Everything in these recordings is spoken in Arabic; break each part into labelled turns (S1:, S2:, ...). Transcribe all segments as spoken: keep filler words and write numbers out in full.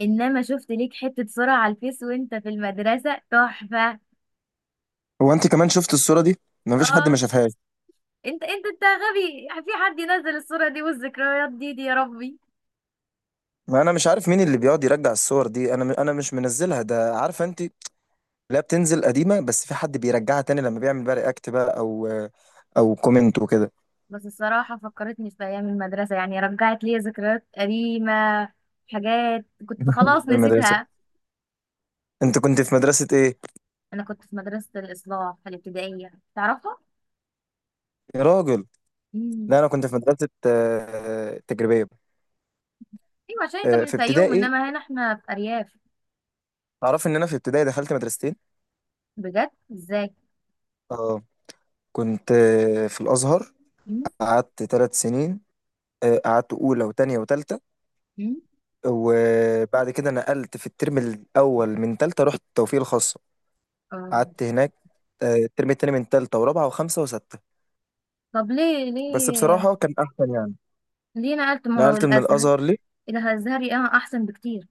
S1: انما شفت ليك حتة صورة على الفيس وانت في المدرسة تحفة.
S2: هو انت كمان شفت الصورة دي؟ ما فيش حد ما
S1: اه.
S2: شافهاش.
S1: انت انت انت غبي؟ في حد ينزل الصورة دي والذكريات دي دي يا ربي؟
S2: ما انا مش عارف مين اللي بيقعد يرجع الصور دي، انا انا مش منزلها، ده عارفه انت. لا، بتنزل قديمة، بس في حد بيرجعها تاني لما بيعمل بقى رياكت بقى او او كومنت وكده.
S1: بس الصراحة فكرتني في ايام المدرسة، يعني رجعت لي ذكريات قديمة، حاجات كنت خلاص
S2: في المدرسة،
S1: نسيتها.
S2: انت كنت في مدرسة ايه؟
S1: انا كنت في مدرسة الاصلاح الابتدائية، تعرفها؟
S2: يا راجل،
S1: امم.
S2: لا انا كنت في مدرسة آه، تجريبية.
S1: ايوه، عشان انت
S2: آه،
S1: من
S2: في
S1: الفيوم،
S2: ابتدائي.
S1: انما هنا احنا في ارياف.
S2: تعرف ان انا في ابتدائي دخلت مدرستين.
S1: بجد؟ ازاي؟
S2: اه، كنت آه، في الازهر.
S1: امم.
S2: قعدت ثلاث سنين. آه، قعدت اولى وتانية وتالتة.
S1: امم.
S2: وبعد كده نقلت في الترم الأول من تالتة، رحت التوفيق الخاصة.
S1: آه.
S2: قعدت هناك آه، الترم التاني من تالتة ورابعة وخمسة وستة.
S1: طب ليه
S2: بس
S1: ليه
S2: بصراحة كان أحسن يعني.
S1: ليه نقلت ما هو
S2: نقلت من
S1: الازهر
S2: الأزهر ليه؟
S1: إلى الازهري؟ اه احسن بكتير.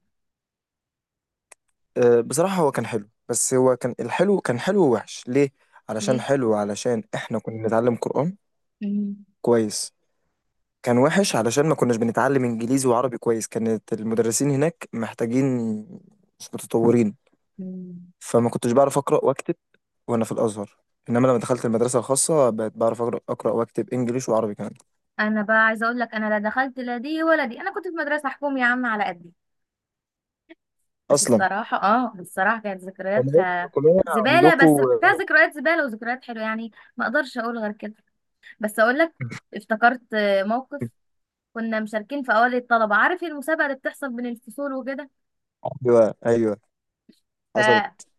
S2: آه، بصراحة هو كان حلو، بس هو كان الحلو كان حلو ووحش. ليه؟ علشان
S1: ليه؟
S2: حلو علشان إحنا كنا بنتعلم قرآن
S1: مم.
S2: كويس. كان وحش علشان ما كناش بنتعلم إنجليزي وعربي كويس، كانت المدرسين هناك محتاجين، مش متطورين.
S1: مم.
S2: فما كنتش بعرف أقرأ وأكتب وانا في الازهر. انما لما دخلت المدرسه الخاصه بقيت بعرف اقرا اقرا واكتب انجليش وعربي كمان.
S1: انا بقى عايزه اقول لك، انا لا دخلت لا دي ولا دي، انا كنت في مدرسه حكومي يا عم على قدي. بس
S2: اصلا
S1: الصراحه، اه الصراحه كانت
S2: المدارس
S1: ذكرياتها
S2: الحكوميه
S1: زباله،
S2: عندكم.
S1: بس فيها ذكريات زباله وذكريات حلوه يعني. ما اقدرش اقول غير كده. بس اقول لك، افتكرت آه، موقف. كنا مشاركين في اوائل الطلبه، عارف المسابقه اللي بتحصل بين الفصول وكده،
S2: ايوه، ايوه، حصلت.
S1: فاحنا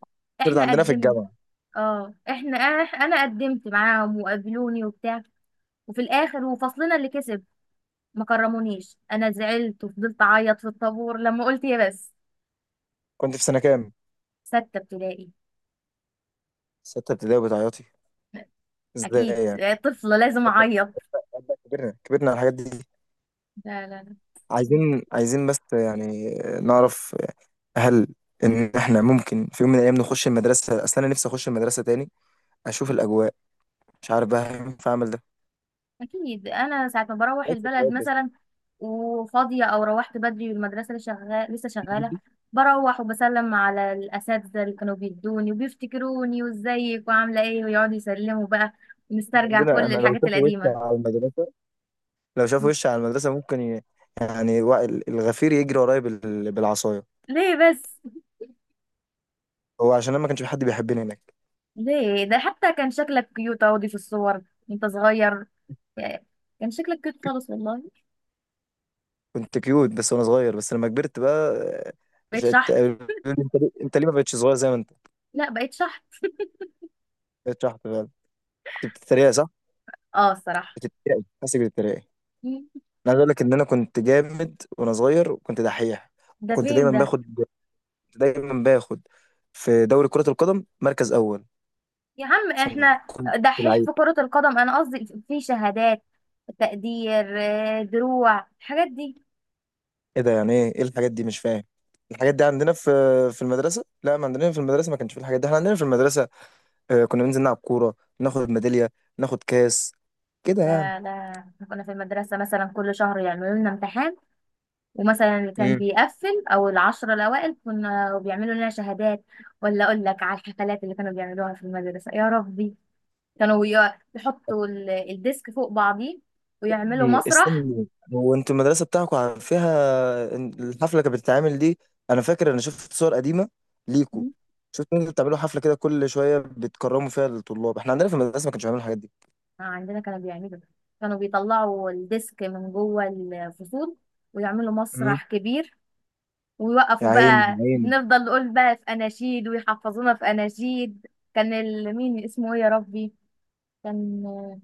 S2: صارت عندنا في
S1: قدمنا.
S2: الجامعه.
S1: اه احنا، انا قدمت معاهم وقابلوني وبتاع، وفي الاخر وفصلنا اللي كسب، ما كرمونيش، انا زعلت وفضلت اعيط في الطابور لما قلت يا بس.
S2: كنت في سنه كام؟
S1: ستة ابتدائي.
S2: سته ابتدائي وبتعيطي.
S1: اكيد،
S2: ازاي يعني؟
S1: طفلة لازم
S2: أبدأ-
S1: اعيط.
S2: أبدأ، كبرنا كبرنا على الحاجات دي.
S1: لا لا لا.
S2: عايزين عايزين بس يعني نعرف، هل ان احنا ممكن في يوم من الايام نخش المدرسه؟ اصل انا نفسي اخش المدرسه تاني، اشوف الاجواء، مش عارف بقى هينفع اعمل ده.
S1: اكيد، انا ساعة ما بروح
S2: عايز
S1: البلد
S2: ذكريات.
S1: مثلا وفاضية، او روحت بدري والمدرسة لسه شغالة لسه شغالة،
S2: بس
S1: بروح وبسلم على الاساتذة اللي كانوا بيدوني وبيفتكروني وازيك وعاملة ايه، ويقعدوا يسلموا بقى، ونسترجع
S2: عندنا،
S1: كل
S2: انا لو
S1: الحاجات
S2: شافوا وشي
S1: القديمة.
S2: على المدرسه، لو شافوا وشي على المدرسه ممكن ي... يعني وا- الغفير يجري ورايا بال... بالعصايه.
S1: ليه بس؟
S2: هو عشان انا ما كانش في حد بيحبني هناك.
S1: ليه؟ ده حتى كان شكلك كيوت اهو في الصور وانت صغير يعني. كان شكلك كيوت خالص والله.
S2: كنت كيوت بس وانا صغير، بس لما كبرت بقى آه،
S1: بقيت
S2: شت...
S1: شحت؟
S2: انت، ليه انت ليه ما بقتش صغير زي ما انت
S1: لا بقيت شحت.
S2: بقيت شحط بقى؟ انت بتتريق، صح؟
S1: اه الصراحة.
S2: بتتريق، حاسس بتتريق. انا
S1: مم.
S2: عايز اقول لك ان انا كنت جامد وانا صغير وكنت دحيح.
S1: ده
S2: وكنت
S1: فين
S2: دايما
S1: ده؟
S2: باخد، دايما باخد في دوري كرة القدم مركز اول،
S1: يا عم
S2: عشان
S1: احنا
S2: كنت
S1: دحيح
S2: لعيب.
S1: في كرة القدم؟ انا قصدي في شهادات تقدير، آه، دروع، الحاجات دي.
S2: ايه ده يعني؟ ايه ايه الحاجات دي؟ مش فاهم. الحاجات دي عندنا في في المدرسه؟ لا، ما عندنا في المدرسه ما كانش في الحاجات دي. احنا عندنا في المدرسه آه، كنا بننزل نلعب كوره، ناخد ميداليه، ناخد كاس، كده يعني.
S1: لا لا، احنا كنا في المدرسة مثلا كل شهر يعملوا لنا امتحان، ومثلا اللي كان
S2: امم.
S1: بيقفل او العشرة الاوائل كنا بيعملوا لنا شهادات. ولا اقول لك على الحفلات اللي كانوا بيعملوها في المدرسة يا ربي، كانوا ي- يحطوا ال- الديسك فوق بعضيه ويعملوا
S2: إيه،
S1: مسرح.
S2: استني، هو انتوا المدرسه بتاعكم عارف فيها إن الحفله كانت بتتعمل دي؟ انا فاكر، انا شفت صور قديمه ليكوا،
S1: مم.
S2: شفت انتوا بتعملوا حفله كده كل شويه بتكرموا فيها الطلاب. احنا عندنا في المدرسه ما كانش بيعملوا الحاجات دي.
S1: آه، عندنا كانوا بيعملوا، كانوا بيطلعوا الديسك من جوه الفصول ويعملوا
S2: امم.
S1: مسرح كبير،
S2: يا
S1: ويوقفوا
S2: عيني، يا
S1: بقى،
S2: عيني.
S1: نفضل نقول بقى في اناشيد ويحفظونا في اناشيد. كان ال- مين اسمه ايه يا ربي، كان آه،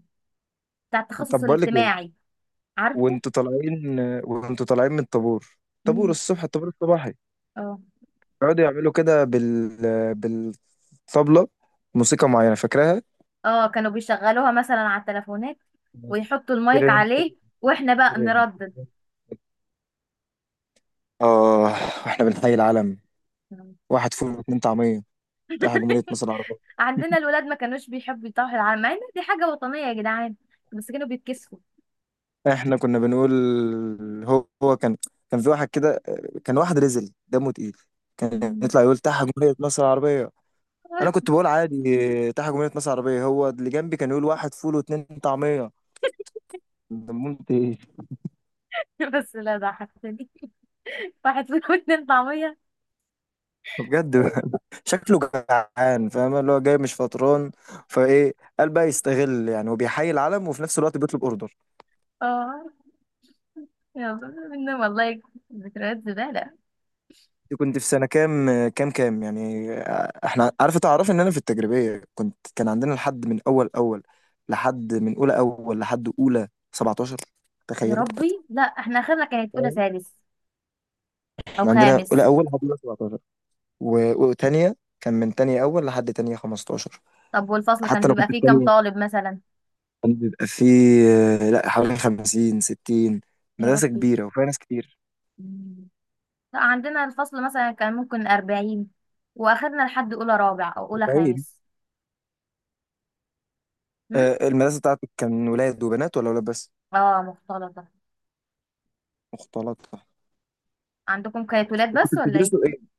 S1: بتاع التخصص
S2: طب بقول لك إيه؟
S1: الاجتماعي، عارفه.
S2: وانتوا طالعين وانتوا طالعين من الطابور، طابور
S1: مم.
S2: الصبح، الطابور الصباحي،
S1: اه
S2: يقعدوا يعملوا كده بال بالطبلة موسيقى معينة، فاكراها؟
S1: اه، كانوا بيشغلوها مثلا على التليفونات ويحطوا المايك
S2: تيرن-
S1: عليه،
S2: تيرن-
S1: واحنا بقى
S2: تيرن.
S1: نردد.
S2: اه. واحنا بنحيي العلم، واحد فول واتنين طعمية، رايح جمهورية مصر العربية.
S1: عندنا الولاد ما كانوش بيحبوا يطاحوا العلم، مع ان دي حاجة وطنية يا جدعان، بس كانوا بيتكسفوا.
S2: احنا كنا بنقول، هو هو كان، كان في واحد كده، كان واحد رزل دمه تقيل، كان
S1: مم.
S2: يطلع يقول تحت جمهورية مصر العربية. انا كنت بقول عادي تحت جمهورية مصر العربية، هو اللي جنبي كان يقول واحد فول واتنين طعمية. دمنت ايه؟
S1: بس لا ضحكتني. واحد فيهم اتنين طعمية.
S2: بجد. شكله جعان، فاهم؟ اللي هو جاي مش فطران، فايه قال بقى يستغل يعني، وبيحيي العلم وفي نفس الوقت بيطلب اوردر.
S1: اه يلا، منهم والله، ذكريات زبالة.
S2: كنت في سنه كام كام كام يعني؟ احنا عارفه، تعرف ان انا في التجريبيه كنت كان عندنا لحد من اول اول، لحد من اولى اول لحد اولى سبعتاشر.
S1: يا
S2: تخيلي،
S1: ربي، لا احنا اخرنا كانت اولى سادس او
S2: احنا عندنا
S1: خامس.
S2: اولى اول لحد اولى سبعتاشر و- وتانية. كان من تانية اول لحد تانية خمسة عشر.
S1: طب والفصل كان
S2: حتى انا
S1: بيبقى
S2: كنت
S1: فيه كام
S2: التانية.
S1: طالب مثلا؟
S2: كان بيبقى فيه آه، لا، حوالي خمسين ستين.
S1: يا
S2: مدرسة
S1: ربي.
S2: كبيرة وفيها ناس كتير،
S1: مم. لا عندنا الفصل مثلا كان ممكن أربعين، وآخرنا لحد أولى رابع أو أولى
S2: طويل.
S1: خامس. هم؟
S2: آه، المدرسة بتاعتك كان ولاد وبنات ولا ولاد بس؟
S1: اه، مختلطة.
S2: مختلطة.
S1: عندكم كانت ولاد
S2: كنت
S1: بس ولا ايه؟
S2: بتدرسوا ايه؟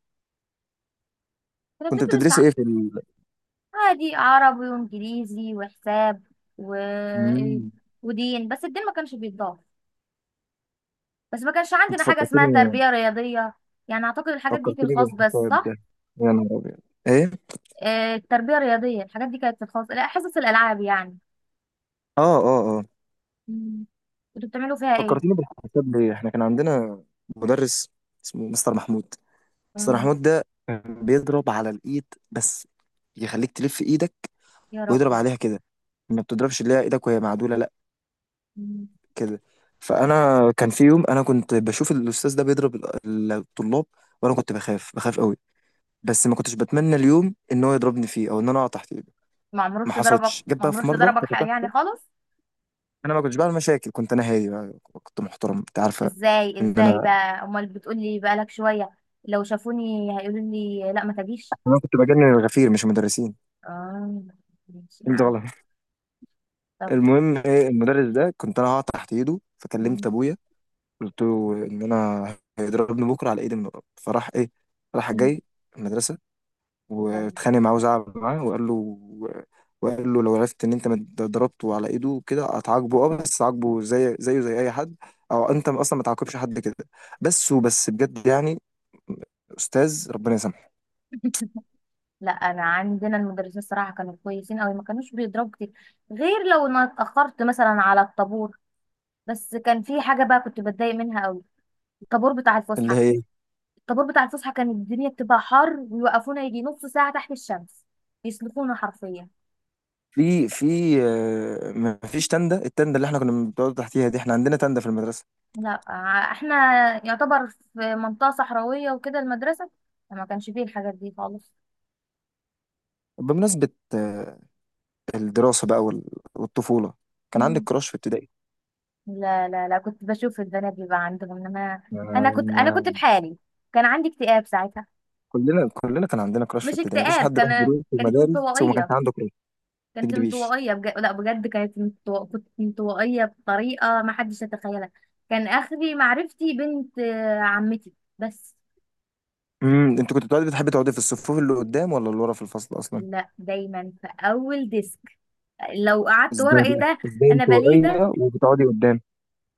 S1: كنا
S2: كنت
S1: بندرس
S2: بتدرسي ايه في ال...
S1: عادي عربي وانجليزي وحساب و...
S2: مم.
S1: ودين، بس الدين ما كانش بيتضاف، بس ما كانش
S2: انت
S1: عندنا حاجة اسمها
S2: فكرتني.
S1: تربية رياضية، يعني اعتقد الحاجات دي في
S2: فكرتني
S1: الخاص بس،
S2: بالحساب ده.
S1: صح؟
S2: يا نهار ابيض. ايه؟
S1: آه، التربية الرياضية الحاجات دي كانت في الخاص، لا حصص الالعاب يعني.
S2: اه، اه، اه.
S1: مم. كنتوا بتعملوا فيها ايه؟
S2: فكرتني بالحساب ليه؟ احنا كان عندنا مدرس اسمه مستر محمود. مستر
S1: مم.
S2: محمود ده كان بيضرب على الايد بس، يخليك تلف ايدك
S1: يا
S2: ويضرب
S1: ربي.
S2: عليها كده، ما بتضربش اللي هي ايدك وهي معدولة، لا،
S1: مم.
S2: كده. فانا كان في يوم انا كنت بشوف الاستاذ ده بيضرب ال- الطلاب، وانا كنت بخاف بخاف قوي، بس ما كنتش بتمنى اليوم ان هو يضربني فيه، او ان انا اقع تحت ايده.
S1: ما
S2: ما
S1: عمروش ضربك،
S2: حصلتش، جت
S1: ما
S2: بقى في
S1: عمروش
S2: مره
S1: ضربك
S2: كانت
S1: حق يعني
S2: هتحصل.
S1: خالص.
S2: انا ما كنتش بعمل مشاكل، كنت انا هادي بقى، كنت محترم، انت عارفه
S1: ازاي
S2: ان
S1: ازاي
S2: انا
S1: بقى، امال بتقولي بقالك شوية لو شافوني هيقولوا لي لا ما تجيش؟
S2: انا كنت بجنن الغفير مش المدرسين.
S1: اه ماشي،
S2: انت
S1: نعم.
S2: غلط.
S1: طب.
S2: المهم ايه، المدرس ده كنت انا هقع تحت ايده، فكلمت
S1: مم.
S2: ابويا. قلت له ان انا هيضربني بكره على ايدي من- فراح ايه، راح
S1: مم.
S2: جاي المدرسه
S1: تمام.
S2: واتخانق معاه وزعل معاه وقال له وقال له لو عرفت ان انت مت- ضربته على ايده كده هتعاقبه، اه، بس عاقبه زي زيه زي اي حد، او انت اصلا ما تعاقبش حد كده بس. وبس بجد يعني. استاذ ربنا يسامحه.
S1: لا انا عندنا المدرسين الصراحه كانوا كويسين قوي، ما كانوش بيضربوا كتير، غير لو انا اتاخرت مثلا على الطابور. بس كان في حاجه بقى كنت بتضايق منها قوي، الطابور بتاع
S2: اللي
S1: الفسحه.
S2: هي
S1: الطابور بتاع الفسحه كانت الدنيا بتبقى حر، ويوقفونا يجي نص ساعه تحت الشمس، يسلخونا حرفيا.
S2: في في آه، ما فيش تندة، التندة اللي احنا كنا بنقعد تحتيها دي، احنا عندنا تندة في المدرسة.
S1: لا ع- احنا يعتبر في منطقه صحراويه وكده المدرسه، فما كانش فيه الحاجات دي خالص.
S2: بمناسبة آه، الدراسة بقى وال- والطفولة، كان عندك كراش في ابتدائي؟
S1: لا لا لا، كنت بشوف البنات بيبقى عندهم انما انا كنت انا كنت
S2: آه،
S1: بحالي. كان عندي اكتئاب ساعتها،
S2: كلنا كلنا كان عندنا كراش في
S1: مش
S2: ابتدائي، ما فيش
S1: اكتئاب،
S2: حد راح
S1: كان
S2: دروس في
S1: كانت
S2: المدارس وما كانش
S1: انطوائيه،
S2: عنده.
S1: كانت
S2: تكدبيش.
S1: انطوائيه بج... لا بجد، كانت انطو... كنت انطوائيه بطريقه ما حدش يتخيلها. كان اخري معرفتي بنت آه، عمتي، بس.
S2: امم انت كنت بتقعدي، بتحبي تقعدي في الصفوف اللي قدام ولا اللي ورا في الفصل اصلا؟
S1: لا دايما في اول ديسك، لو قعدت ورا
S2: ازاي
S1: ايه
S2: بقى
S1: ده،
S2: ازاي
S1: انا بليده.
S2: انطوائيه وبتقعدي قدام؟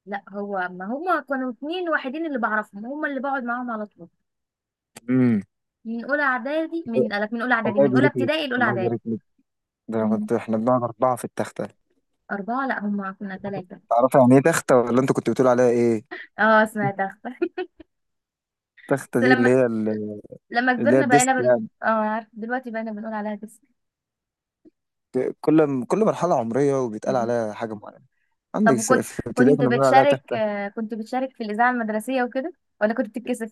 S1: لا هو ما هما كانوا اتنين وحيدين اللي بعرفهم، هما اللي بقعد معاهم على طول.
S2: امم.
S1: من اولى اعدادي، من قالك، من اولى اعدادي،
S2: الله
S1: من اولى
S2: يبارك لك،
S1: ابتدائي لاولى
S2: الله
S1: اعدادي.
S2: يبارك لك. ده انا
S1: مم.
S2: كنت، احنا بنقعد اربعه في التخته.
S1: أربعة، لا هما كنا ثلاثة.
S2: تعرفي يعني ايه تخته ولا انت كنت بتقول عليها ايه؟
S1: اه سمعت أخطر.
S2: التخته
S1: بس
S2: دي اللي
S1: لما
S2: هي ال-
S1: لما
S2: اللي هي
S1: كبرنا
S2: الديسك
S1: بقينا بن
S2: يعني.
S1: اه عارف دلوقتي، بقينا بنقول عليها كسر.
S2: كل كل مرحله عمريه وبيتقال
S1: مم.
S2: عليها حاجه معينه. عندك
S1: طب
S2: س-
S1: وكنت،
S2: في ابتدائي
S1: كنت
S2: كنا بنقول عليها
S1: بتشارك
S2: تخته.
S1: آه، كنت بتشارك في الإذاعة المدرسية وكده، ولا كنت بتتكسف؟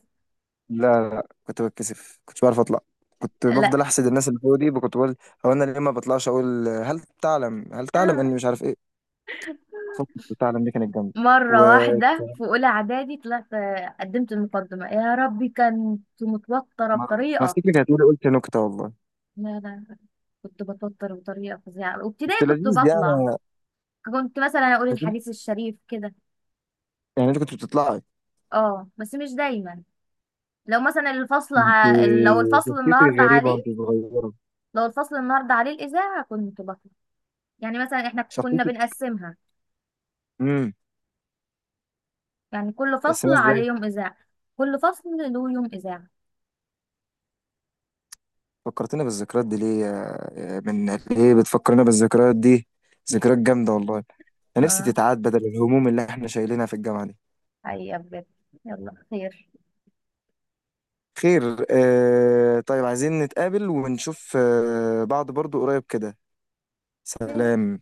S2: كنت بتكسف، كنتش بعرف اطلع. كنت بفضل
S1: لا.
S2: احسد الناس اللي فوق دي، كنت بقول هو انا ليه ما بطلعش اقول هل تعلم، هل تعلم
S1: آه.
S2: اني مش عارف ايه. فكرة تعلم دي كانت جامده.
S1: مرة
S2: ومره،
S1: واحدة في أولى إعدادي طلعت آه، قدمت المقدمة، يا ربي كنت متوترة
S2: انا
S1: بطريقة.
S2: افتكر كانت مره قلت نكته والله.
S1: لا لا، كنت بتوتر بطريقة فظيعة،
S2: كنت
S1: وابتدائي كنت
S2: لذيذ يعني،
S1: بطلع، كنت مثلا أقول
S2: عارف انت؟
S1: الحديث الشريف كده.
S2: يعني انت كنت بتطلعي.
S1: اه بس مش دايما، لو مثلا الفصل
S2: انت
S1: ع... لو الفصل
S2: شخصيتك
S1: النهارده
S2: غريبه وانت
S1: عليه،
S2: صغيره.
S1: لو الفصل النهارده عليه الإذاعة كنت بطلع، يعني مثلا احنا كنا
S2: شخصيتك.
S1: بنقسمها،
S2: امم.
S1: يعني كل
S2: بس انا
S1: فصل عليه
S2: ازاي
S1: يوم إذاعة، كل فصل له يوم إذاعة.
S2: فكرتنا بالذكريات دي، ليه يا- يا- من، ليه بتفكرنا بالذكريات دي؟ ذكريات جامده والله، انا نفسي
S1: اه،
S2: تتعاد بدل الهموم اللي احنا شايلينها في الجامعه دي.
S1: حقيقة بجد. يلا خير.
S2: خير. آه طيب، عايزين نتقابل ونشوف آه بعض برضو قريب كده. سلام.